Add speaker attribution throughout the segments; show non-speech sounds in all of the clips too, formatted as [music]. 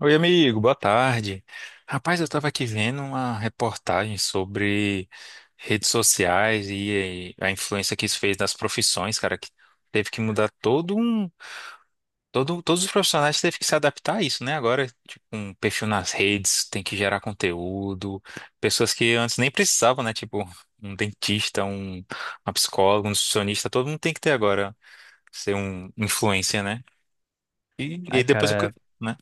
Speaker 1: Oi, amigo, boa tarde. Rapaz, eu estava aqui vendo uma reportagem sobre redes sociais e a influência que isso fez nas profissões, cara, que teve que mudar todo um, todos os profissionais teve que se adaptar a isso, né? Agora, tipo, um perfil nas redes, tem que gerar conteúdo, pessoas que antes nem precisavam, né? Tipo, um dentista, um, uma psicóloga, um nutricionista, todo mundo tem que ter agora ser um influencer, né? E aí
Speaker 2: Ai,
Speaker 1: depois o que,
Speaker 2: cara,
Speaker 1: né?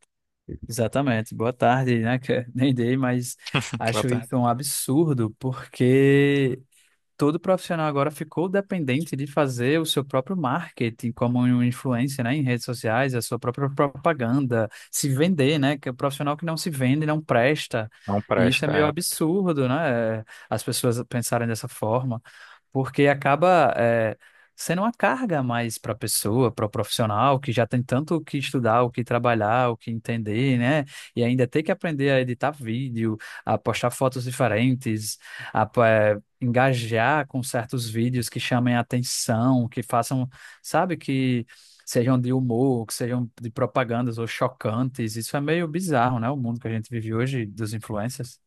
Speaker 2: exatamente. Boa tarde, né? que [laughs] Nem dei, mas
Speaker 1: [laughs] Ela
Speaker 2: acho
Speaker 1: tá-
Speaker 2: isso um absurdo, porque todo profissional agora ficou dependente de fazer o seu próprio marketing como um influencer, né? Em redes sociais, a sua própria propaganda, se vender, né? Que o profissional que não se vende não presta.
Speaker 1: Não
Speaker 2: E isso é
Speaker 1: presta,
Speaker 2: meio
Speaker 1: é.
Speaker 2: absurdo, né? As pessoas pensarem dessa forma porque acaba sendo uma carga a mais para a pessoa, para o profissional, que já tem tanto o que estudar, o que trabalhar, o que entender, né? E ainda tem que aprender a editar vídeo, a postar fotos diferentes, a engajar com certos vídeos que chamem a atenção, que façam, sabe, que sejam de humor, que sejam de propagandas ou chocantes. Isso é meio bizarro, né? O mundo que a gente vive hoje dos influencers.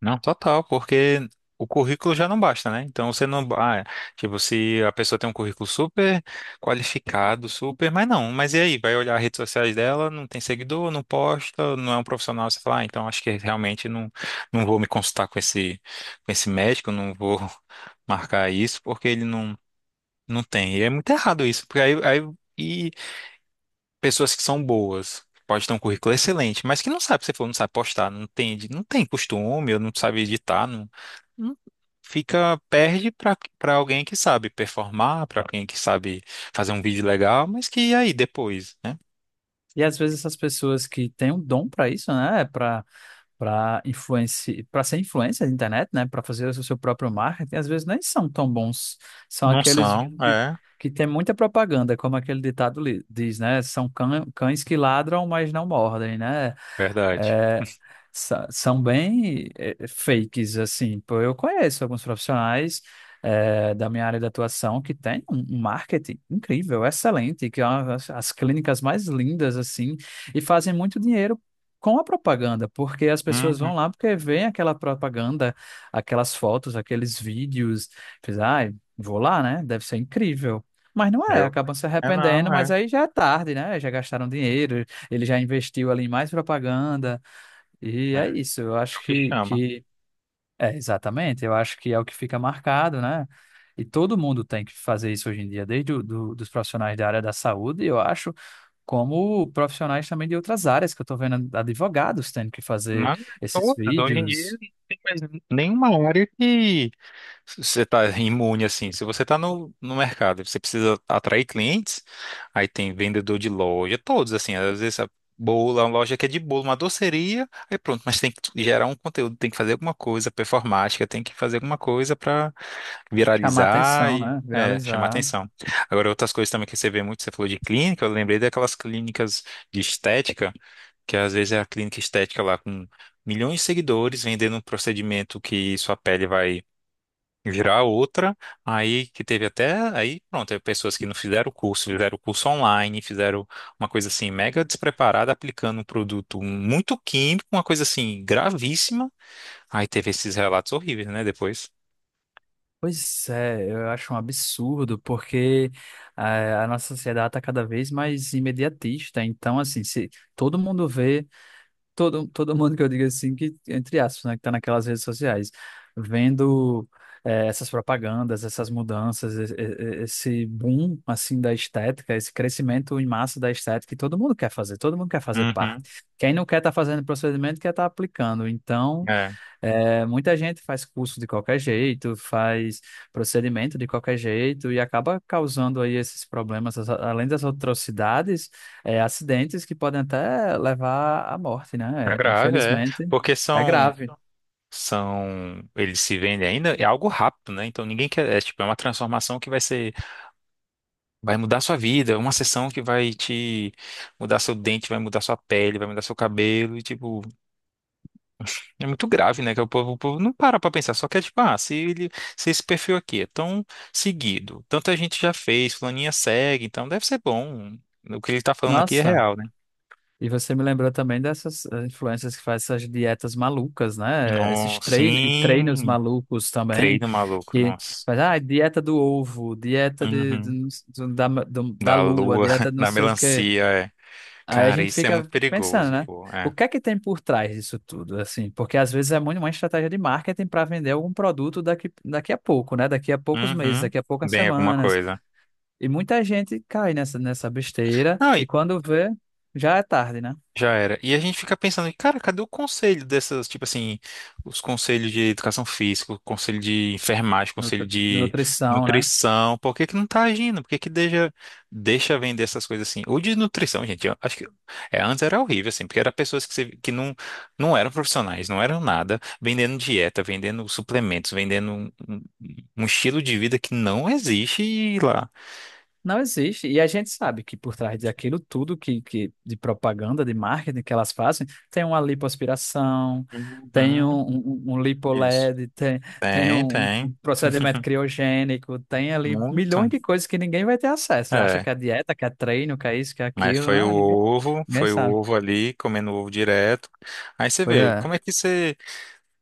Speaker 1: Não, total, porque o currículo já não basta, né? Então você não. Ah, é, tipo, se a pessoa tem um currículo super qualificado, super. Mas não, mas e aí? Vai olhar as redes sociais dela, não tem seguidor, não posta, não é um profissional. Você fala, ah, então acho que realmente não, não vou me consultar com esse médico, não vou [laughs] marcar isso, porque ele não, não tem. E é muito errado isso, porque aí, aí- e pessoas que são boas, que pode ter um currículo excelente, mas que não sabe, você falou, não sabe postar, não tem, edi- não tem costume, ou não sabe editar, não, não- fica, perde para alguém que sabe performar, para alguém que sabe fazer um vídeo legal, mas que e aí depois, né?
Speaker 2: E às vezes essas pessoas que têm um dom para isso, né? Para ser influencer da internet, né, para fazer o seu próprio marketing, às vezes nem são tão bons. São
Speaker 1: Não
Speaker 2: aqueles
Speaker 1: são,
Speaker 2: que,
Speaker 1: é,
Speaker 2: que têm muita propaganda, como aquele diz, né? São cães que ladram, mas não mordem, né?
Speaker 1: verdade.
Speaker 2: é, São bem fakes, assim. Pô, eu conheço alguns profissionais da minha área de atuação que tem um marketing incrível, excelente, que é as, as clínicas mais lindas, assim, e fazem muito dinheiro com a propaganda, porque as pessoas
Speaker 1: Uhum.
Speaker 2: vão lá porque veem aquela propaganda, aquelas fotos, aqueles vídeos, diz, ai, vou lá, né? Deve ser incrível. Mas não é,
Speaker 1: Eu,
Speaker 2: acabam se
Speaker 1: é
Speaker 2: arrependendo,
Speaker 1: não,
Speaker 2: mas
Speaker 1: é,
Speaker 2: aí já é tarde, né? Já gastaram dinheiro, ele já investiu ali em mais propaganda, e
Speaker 1: é,
Speaker 2: é
Speaker 1: é
Speaker 2: isso. Eu
Speaker 1: o
Speaker 2: acho
Speaker 1: que chama.
Speaker 2: que é exatamente, eu acho que é o que fica marcado, né? E todo mundo tem que fazer isso hoje em dia, desde dos profissionais da área da saúde, eu acho, como profissionais também de outras áreas, que eu estou vendo advogados tendo que fazer
Speaker 1: Mas
Speaker 2: esses
Speaker 1: todas, hoje em dia,
Speaker 2: vídeos,
Speaker 1: não tem mais nenhuma área que você está imune assim. Se você está no, no mercado, e você precisa atrair clientes, aí tem vendedor de loja, todos assim. Às vezes a bolo, uma loja que é de bolo, uma doceria, aí pronto, mas tem que gerar um conteúdo, tem que fazer alguma coisa performática, tem que fazer alguma coisa para
Speaker 2: chamar
Speaker 1: viralizar
Speaker 2: atenção,
Speaker 1: e
Speaker 2: né?
Speaker 1: é, chamar
Speaker 2: Viralizar.
Speaker 1: atenção. Agora, outras coisas também que você vê muito, você falou de clínica, eu lembrei daquelas clínicas de estética, que às vezes é a clínica estética lá com milhões de seguidores vendendo um procedimento que sua pele vai virar outra, aí que teve até, aí pronto, teve pessoas que não fizeram o curso, fizeram o curso online, fizeram uma coisa assim mega despreparada, aplicando um produto muito químico, uma coisa assim gravíssima, aí teve esses relatos horríveis, né, depois.
Speaker 2: Pois é, eu acho um absurdo, porque a nossa sociedade está cada vez mais imediatista. Então, assim, se todo mundo vê. Todo mundo que eu digo assim, que, entre aspas, né, que tá naquelas redes sociais, vendo essas propagandas, essas mudanças, esse boom, assim, da estética, esse crescimento em massa da estética que todo mundo quer fazer, todo mundo quer fazer
Speaker 1: Uhum.
Speaker 2: parte. Quem não quer estar fazendo procedimento, quer estar aplicando. Então,
Speaker 1: É,
Speaker 2: é, muita gente faz curso de qualquer jeito, faz procedimento de qualquer jeito e acaba causando aí esses problemas, além das atrocidades, é, acidentes que podem até levar à morte, né?
Speaker 1: é
Speaker 2: É,
Speaker 1: grave, é,
Speaker 2: infelizmente,
Speaker 1: porque
Speaker 2: é
Speaker 1: são,
Speaker 2: grave.
Speaker 1: são, eles se vendem ainda, é algo rápido, né, então ninguém quer, é tipo, é uma transformação que vai ser, vai mudar sua vida, é uma sessão que vai te mudar seu dente, vai mudar sua pele, vai mudar seu cabelo, e tipo, é muito grave, né? Que o povo não para pra pensar, só quer tipo, ah, se, ele, se esse perfil aqui é tão seguido, tanta gente já fez, fulaninha segue, então deve ser bom. O que ele tá falando aqui é
Speaker 2: Nossa,
Speaker 1: real, né?
Speaker 2: e você me lembrou também dessas influencers que fazem essas dietas malucas, né? Esses
Speaker 1: Nossa,
Speaker 2: treinos
Speaker 1: sim,
Speaker 2: malucos também,
Speaker 1: treino maluco,
Speaker 2: que
Speaker 1: nossa.
Speaker 2: faz, ah, dieta do ovo, dieta
Speaker 1: Uhum.
Speaker 2: de- do- da, do- da
Speaker 1: Da
Speaker 2: lua,
Speaker 1: lua,
Speaker 2: dieta de
Speaker 1: [laughs]
Speaker 2: não
Speaker 1: da
Speaker 2: sei o quê.
Speaker 1: melancia, é.
Speaker 2: Aí a
Speaker 1: Cara,
Speaker 2: gente
Speaker 1: isso é muito
Speaker 2: fica pensando,
Speaker 1: perigoso,
Speaker 2: né?
Speaker 1: pô,
Speaker 2: O
Speaker 1: é.
Speaker 2: que é que tem por trás disso tudo, assim? Porque às vezes é muito uma estratégia de marketing para vender algum produto daqui, daqui a pouco, né? Daqui a poucos meses,
Speaker 1: Uhum.
Speaker 2: daqui a poucas
Speaker 1: Bem, alguma
Speaker 2: semanas.
Speaker 1: coisa.
Speaker 2: E muita gente cai nessa besteira
Speaker 1: Não,
Speaker 2: e quando vê, já é tarde, né?
Speaker 1: já era. E a gente fica pensando, cara, cadê o conselho dessas, tipo assim, os conselhos de educação física, o conselho de enfermagem, o conselho de
Speaker 2: Nutrição, né?
Speaker 1: nutrição, por que que não tá agindo? Por que que deixa, deixa vender essas coisas assim? Ou de nutrição, gente, eu acho que é, antes era horrível, assim, porque eram pessoas que, você- que não, não eram profissionais, não eram nada, vendendo dieta, vendendo suplementos, vendendo um, um- um estilo de vida que não existe e lá.
Speaker 2: Não existe. E a gente sabe que por trás daquilo tudo que de propaganda, de marketing que elas fazem, tem uma lipoaspiração, tem
Speaker 1: Uhum,
Speaker 2: um
Speaker 1: isso.
Speaker 2: lipoled, tem, tem
Speaker 1: Tem,
Speaker 2: um
Speaker 1: tem.
Speaker 2: procedimento
Speaker 1: [laughs]
Speaker 2: criogênico, tem ali
Speaker 1: Muito.
Speaker 2: milhões de coisas que ninguém vai ter acesso. Acha
Speaker 1: É.
Speaker 2: que é dieta, que é treino, que é isso, que é
Speaker 1: Mas
Speaker 2: aquilo, né? Ninguém
Speaker 1: foi o
Speaker 2: sabe.
Speaker 1: ovo ali, comendo ovo direto. Aí você
Speaker 2: Pois
Speaker 1: vê, como
Speaker 2: é.
Speaker 1: é que você.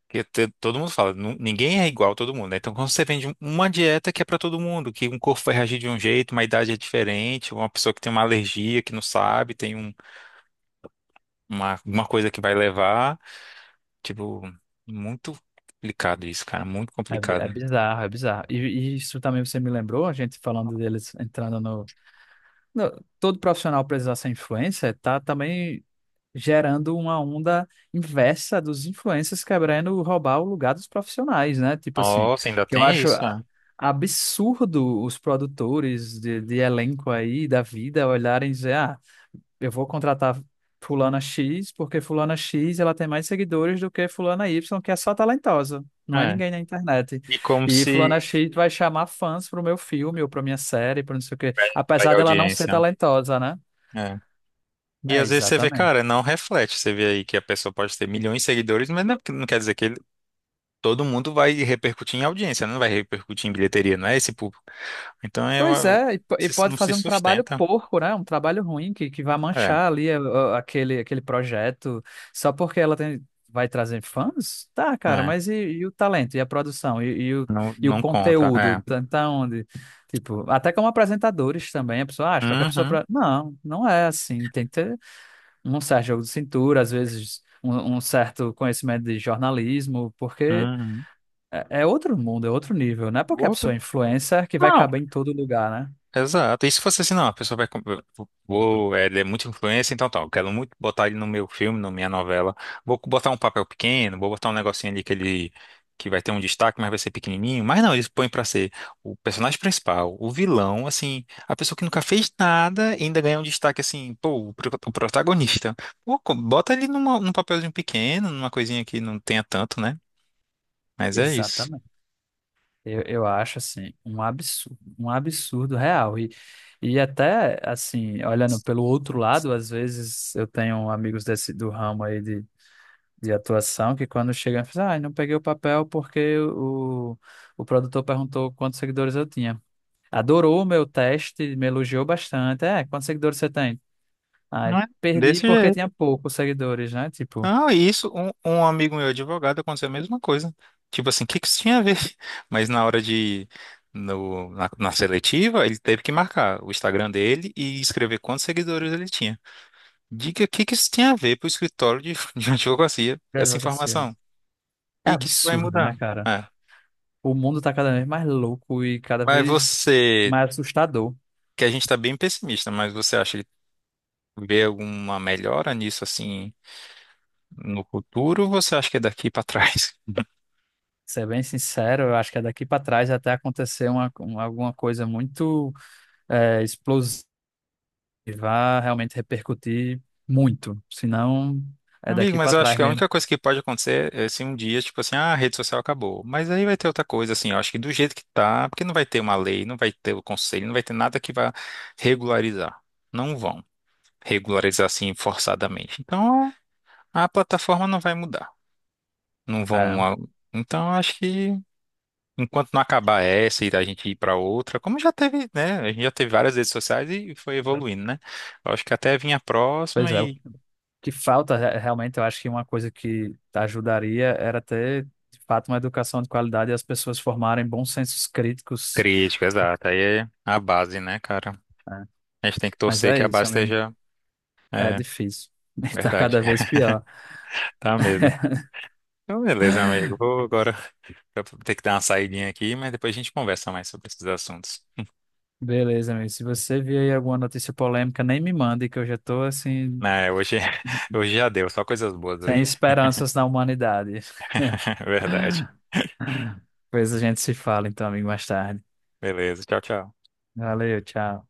Speaker 1: Que te- todo mundo fala, nu- ninguém é igual a todo mundo, né? Então, quando você vende um- uma dieta que é pra todo mundo, que um corpo vai reagir de um jeito, uma idade é diferente, uma pessoa que tem uma alergia, que não sabe, tem um, uma coisa que vai levar. Tipo, muito complicado isso, cara, muito complicado.
Speaker 2: É
Speaker 1: Né?
Speaker 2: bizarro, é bizarro. E isso também você me lembrou, a gente falando deles entrando no. Todo profissional precisa ser influencer, tá também gerando uma onda inversa dos influencers quebrando roubar o lugar dos profissionais, né? Tipo assim,
Speaker 1: Nossa, ainda
Speaker 2: que eu
Speaker 1: tem
Speaker 2: acho
Speaker 1: isso, né?
Speaker 2: absurdo os produtores de elenco aí da vida olharem e dizer, ah, eu vou contratar fulana X porque fulana X ela tem mais seguidores do que fulana Y, que é só talentosa. Não é
Speaker 1: É.
Speaker 2: ninguém na internet.
Speaker 1: E como
Speaker 2: E fulana
Speaker 1: se.
Speaker 2: X vai chamar fãs pro meu filme ou pra minha série, para não sei o quê,
Speaker 1: Vai atrair
Speaker 2: apesar dela não ser
Speaker 1: audiência. Né?
Speaker 2: talentosa, né?
Speaker 1: É. E
Speaker 2: É,
Speaker 1: às vezes você vê,
Speaker 2: exatamente.
Speaker 1: cara, não reflete. Você vê aí que a pessoa pode ter milhões de seguidores, mas não, não quer dizer que ele- todo mundo vai repercutir em audiência, não vai repercutir em bilheteria, não é esse público. Então é
Speaker 2: Pois
Speaker 1: uma-
Speaker 2: é, e
Speaker 1: se-
Speaker 2: pode
Speaker 1: não se
Speaker 2: fazer um trabalho
Speaker 1: sustenta.
Speaker 2: porco, né? Um trabalho ruim que vai
Speaker 1: É,
Speaker 2: manchar ali aquele projeto só porque ela tem, vai trazer fãs? Tá, cara,
Speaker 1: é.
Speaker 2: mas e o talento, e a produção, e
Speaker 1: Não,
Speaker 2: e o
Speaker 1: não conta.
Speaker 2: conteúdo?
Speaker 1: É.
Speaker 2: Tá onde? Tipo, até como apresentadores também, a pessoa acha, qualquer pessoa.
Speaker 1: Uhum,
Speaker 2: Pra... Não, não é assim. Tem que ter um certo jogo de cintura, às vezes um certo conhecimento de jornalismo, porque
Speaker 1: uhum.
Speaker 2: é, é outro mundo, é outro nível. Não é porque a
Speaker 1: Outro?
Speaker 2: pessoa é influencer que vai
Speaker 1: Não.
Speaker 2: caber em todo lugar, né?
Speaker 1: Exato. E se fosse assim, não, a pessoa vai. Com- Vou, é, ele é muito influência, então tal quero muito botar ele no meu filme, na minha novela. Vou botar um papel pequeno, vou botar um negocinho ali que ele. Que vai ter um destaque, mas vai ser pequenininho. Mas não, eles põem pra ser o personagem principal, o vilão, assim, a pessoa que nunca fez nada e ainda ganha um destaque, assim, pô, o pro- o protagonista. Pô, co- bota ele numa, num papelzinho pequeno, numa coisinha que não tenha tanto, né? Mas é isso.
Speaker 2: Exatamente. Eu acho assim um absurdo real. E até assim, olhando pelo outro lado, às vezes eu tenho amigos desse do ramo aí de atuação que quando chegam, falam, ah, eu não peguei o papel porque o produtor perguntou quantos seguidores eu tinha. Adorou o meu teste, me elogiou bastante. É, quantos seguidores você tem? Ah,
Speaker 1: Não é?
Speaker 2: perdi
Speaker 1: Desse
Speaker 2: porque
Speaker 1: jeito.
Speaker 2: tinha poucos seguidores, né? Tipo,
Speaker 1: Ah, isso, um amigo meu advogado aconteceu a mesma coisa. Tipo assim, o que que isso tinha a ver? [laughs] Mas na hora de, no, na, na seletiva, ele teve que marcar o Instagram dele e escrever quantos seguidores ele tinha. Diga o que que isso tinha a ver pro escritório de, [laughs] de advocacia,
Speaker 2: grande
Speaker 1: essa
Speaker 2: advocacia.
Speaker 1: informação. O
Speaker 2: É
Speaker 1: que que isso vai
Speaker 2: absurdo, né,
Speaker 1: mudar?
Speaker 2: cara?
Speaker 1: É.
Speaker 2: O mundo tá cada vez mais louco e cada
Speaker 1: Mas
Speaker 2: vez
Speaker 1: você,
Speaker 2: mais assustador.
Speaker 1: que a gente está bem pessimista, mas você acha que vê alguma melhora nisso assim no futuro ou você acha que é daqui para trás? [laughs]
Speaker 2: Ser bem sincero, eu acho que é daqui para trás até acontecer alguma coisa muito explosiva, vai realmente repercutir muito. Senão, é
Speaker 1: Amigo,
Speaker 2: daqui
Speaker 1: mas
Speaker 2: para
Speaker 1: eu acho
Speaker 2: trás
Speaker 1: que a
Speaker 2: mesmo.
Speaker 1: única coisa que pode acontecer é se um dia, tipo assim, ah, a rede social acabou. Mas aí vai ter outra coisa, assim, eu acho que do jeito que tá, porque não vai ter uma lei, não vai ter o conselho, não vai ter nada que vá regularizar. Não vão regularizar assim forçadamente. Então, a plataforma não vai mudar. Não
Speaker 2: É,
Speaker 1: vão. A- Então, eu acho que enquanto não acabar essa e a gente ir para outra, como já teve, né? A gente já teve várias redes sociais e foi evoluindo, né? Eu acho que até vinha a próxima
Speaker 2: pois é, o
Speaker 1: e.
Speaker 2: que falta realmente, eu acho que uma coisa que ajudaria era ter, de fato, uma educação de qualidade e as pessoas formarem bons sensos críticos.
Speaker 1: Crítico, exato. Aí é a base, né, cara?
Speaker 2: É,
Speaker 1: A gente tem que
Speaker 2: mas
Speaker 1: torcer que
Speaker 2: é
Speaker 1: a
Speaker 2: isso,
Speaker 1: base
Speaker 2: amigo.
Speaker 1: esteja.
Speaker 2: É
Speaker 1: É,
Speaker 2: difícil. [laughs] Está
Speaker 1: verdade.
Speaker 2: cada vez
Speaker 1: [laughs]
Speaker 2: pior.
Speaker 1: Tá mesmo. Então, beleza, amigo. Vou agora [laughs] ter que dar uma saidinha aqui, mas depois a gente conversa mais sobre esses assuntos.
Speaker 2: Beleza, amigo. Se você vir aí alguma notícia polêmica, nem me mande, que eu já tô assim,
Speaker 1: Né, hoje, [laughs] hoje já deu, só coisas boas
Speaker 2: sem
Speaker 1: hoje.
Speaker 2: esperanças na humanidade.
Speaker 1: [laughs] Verdade.
Speaker 2: [laughs] Pois a gente se fala então, amigo, mais tarde.
Speaker 1: Beleza, tchau, tchau.
Speaker 2: Valeu, tchau.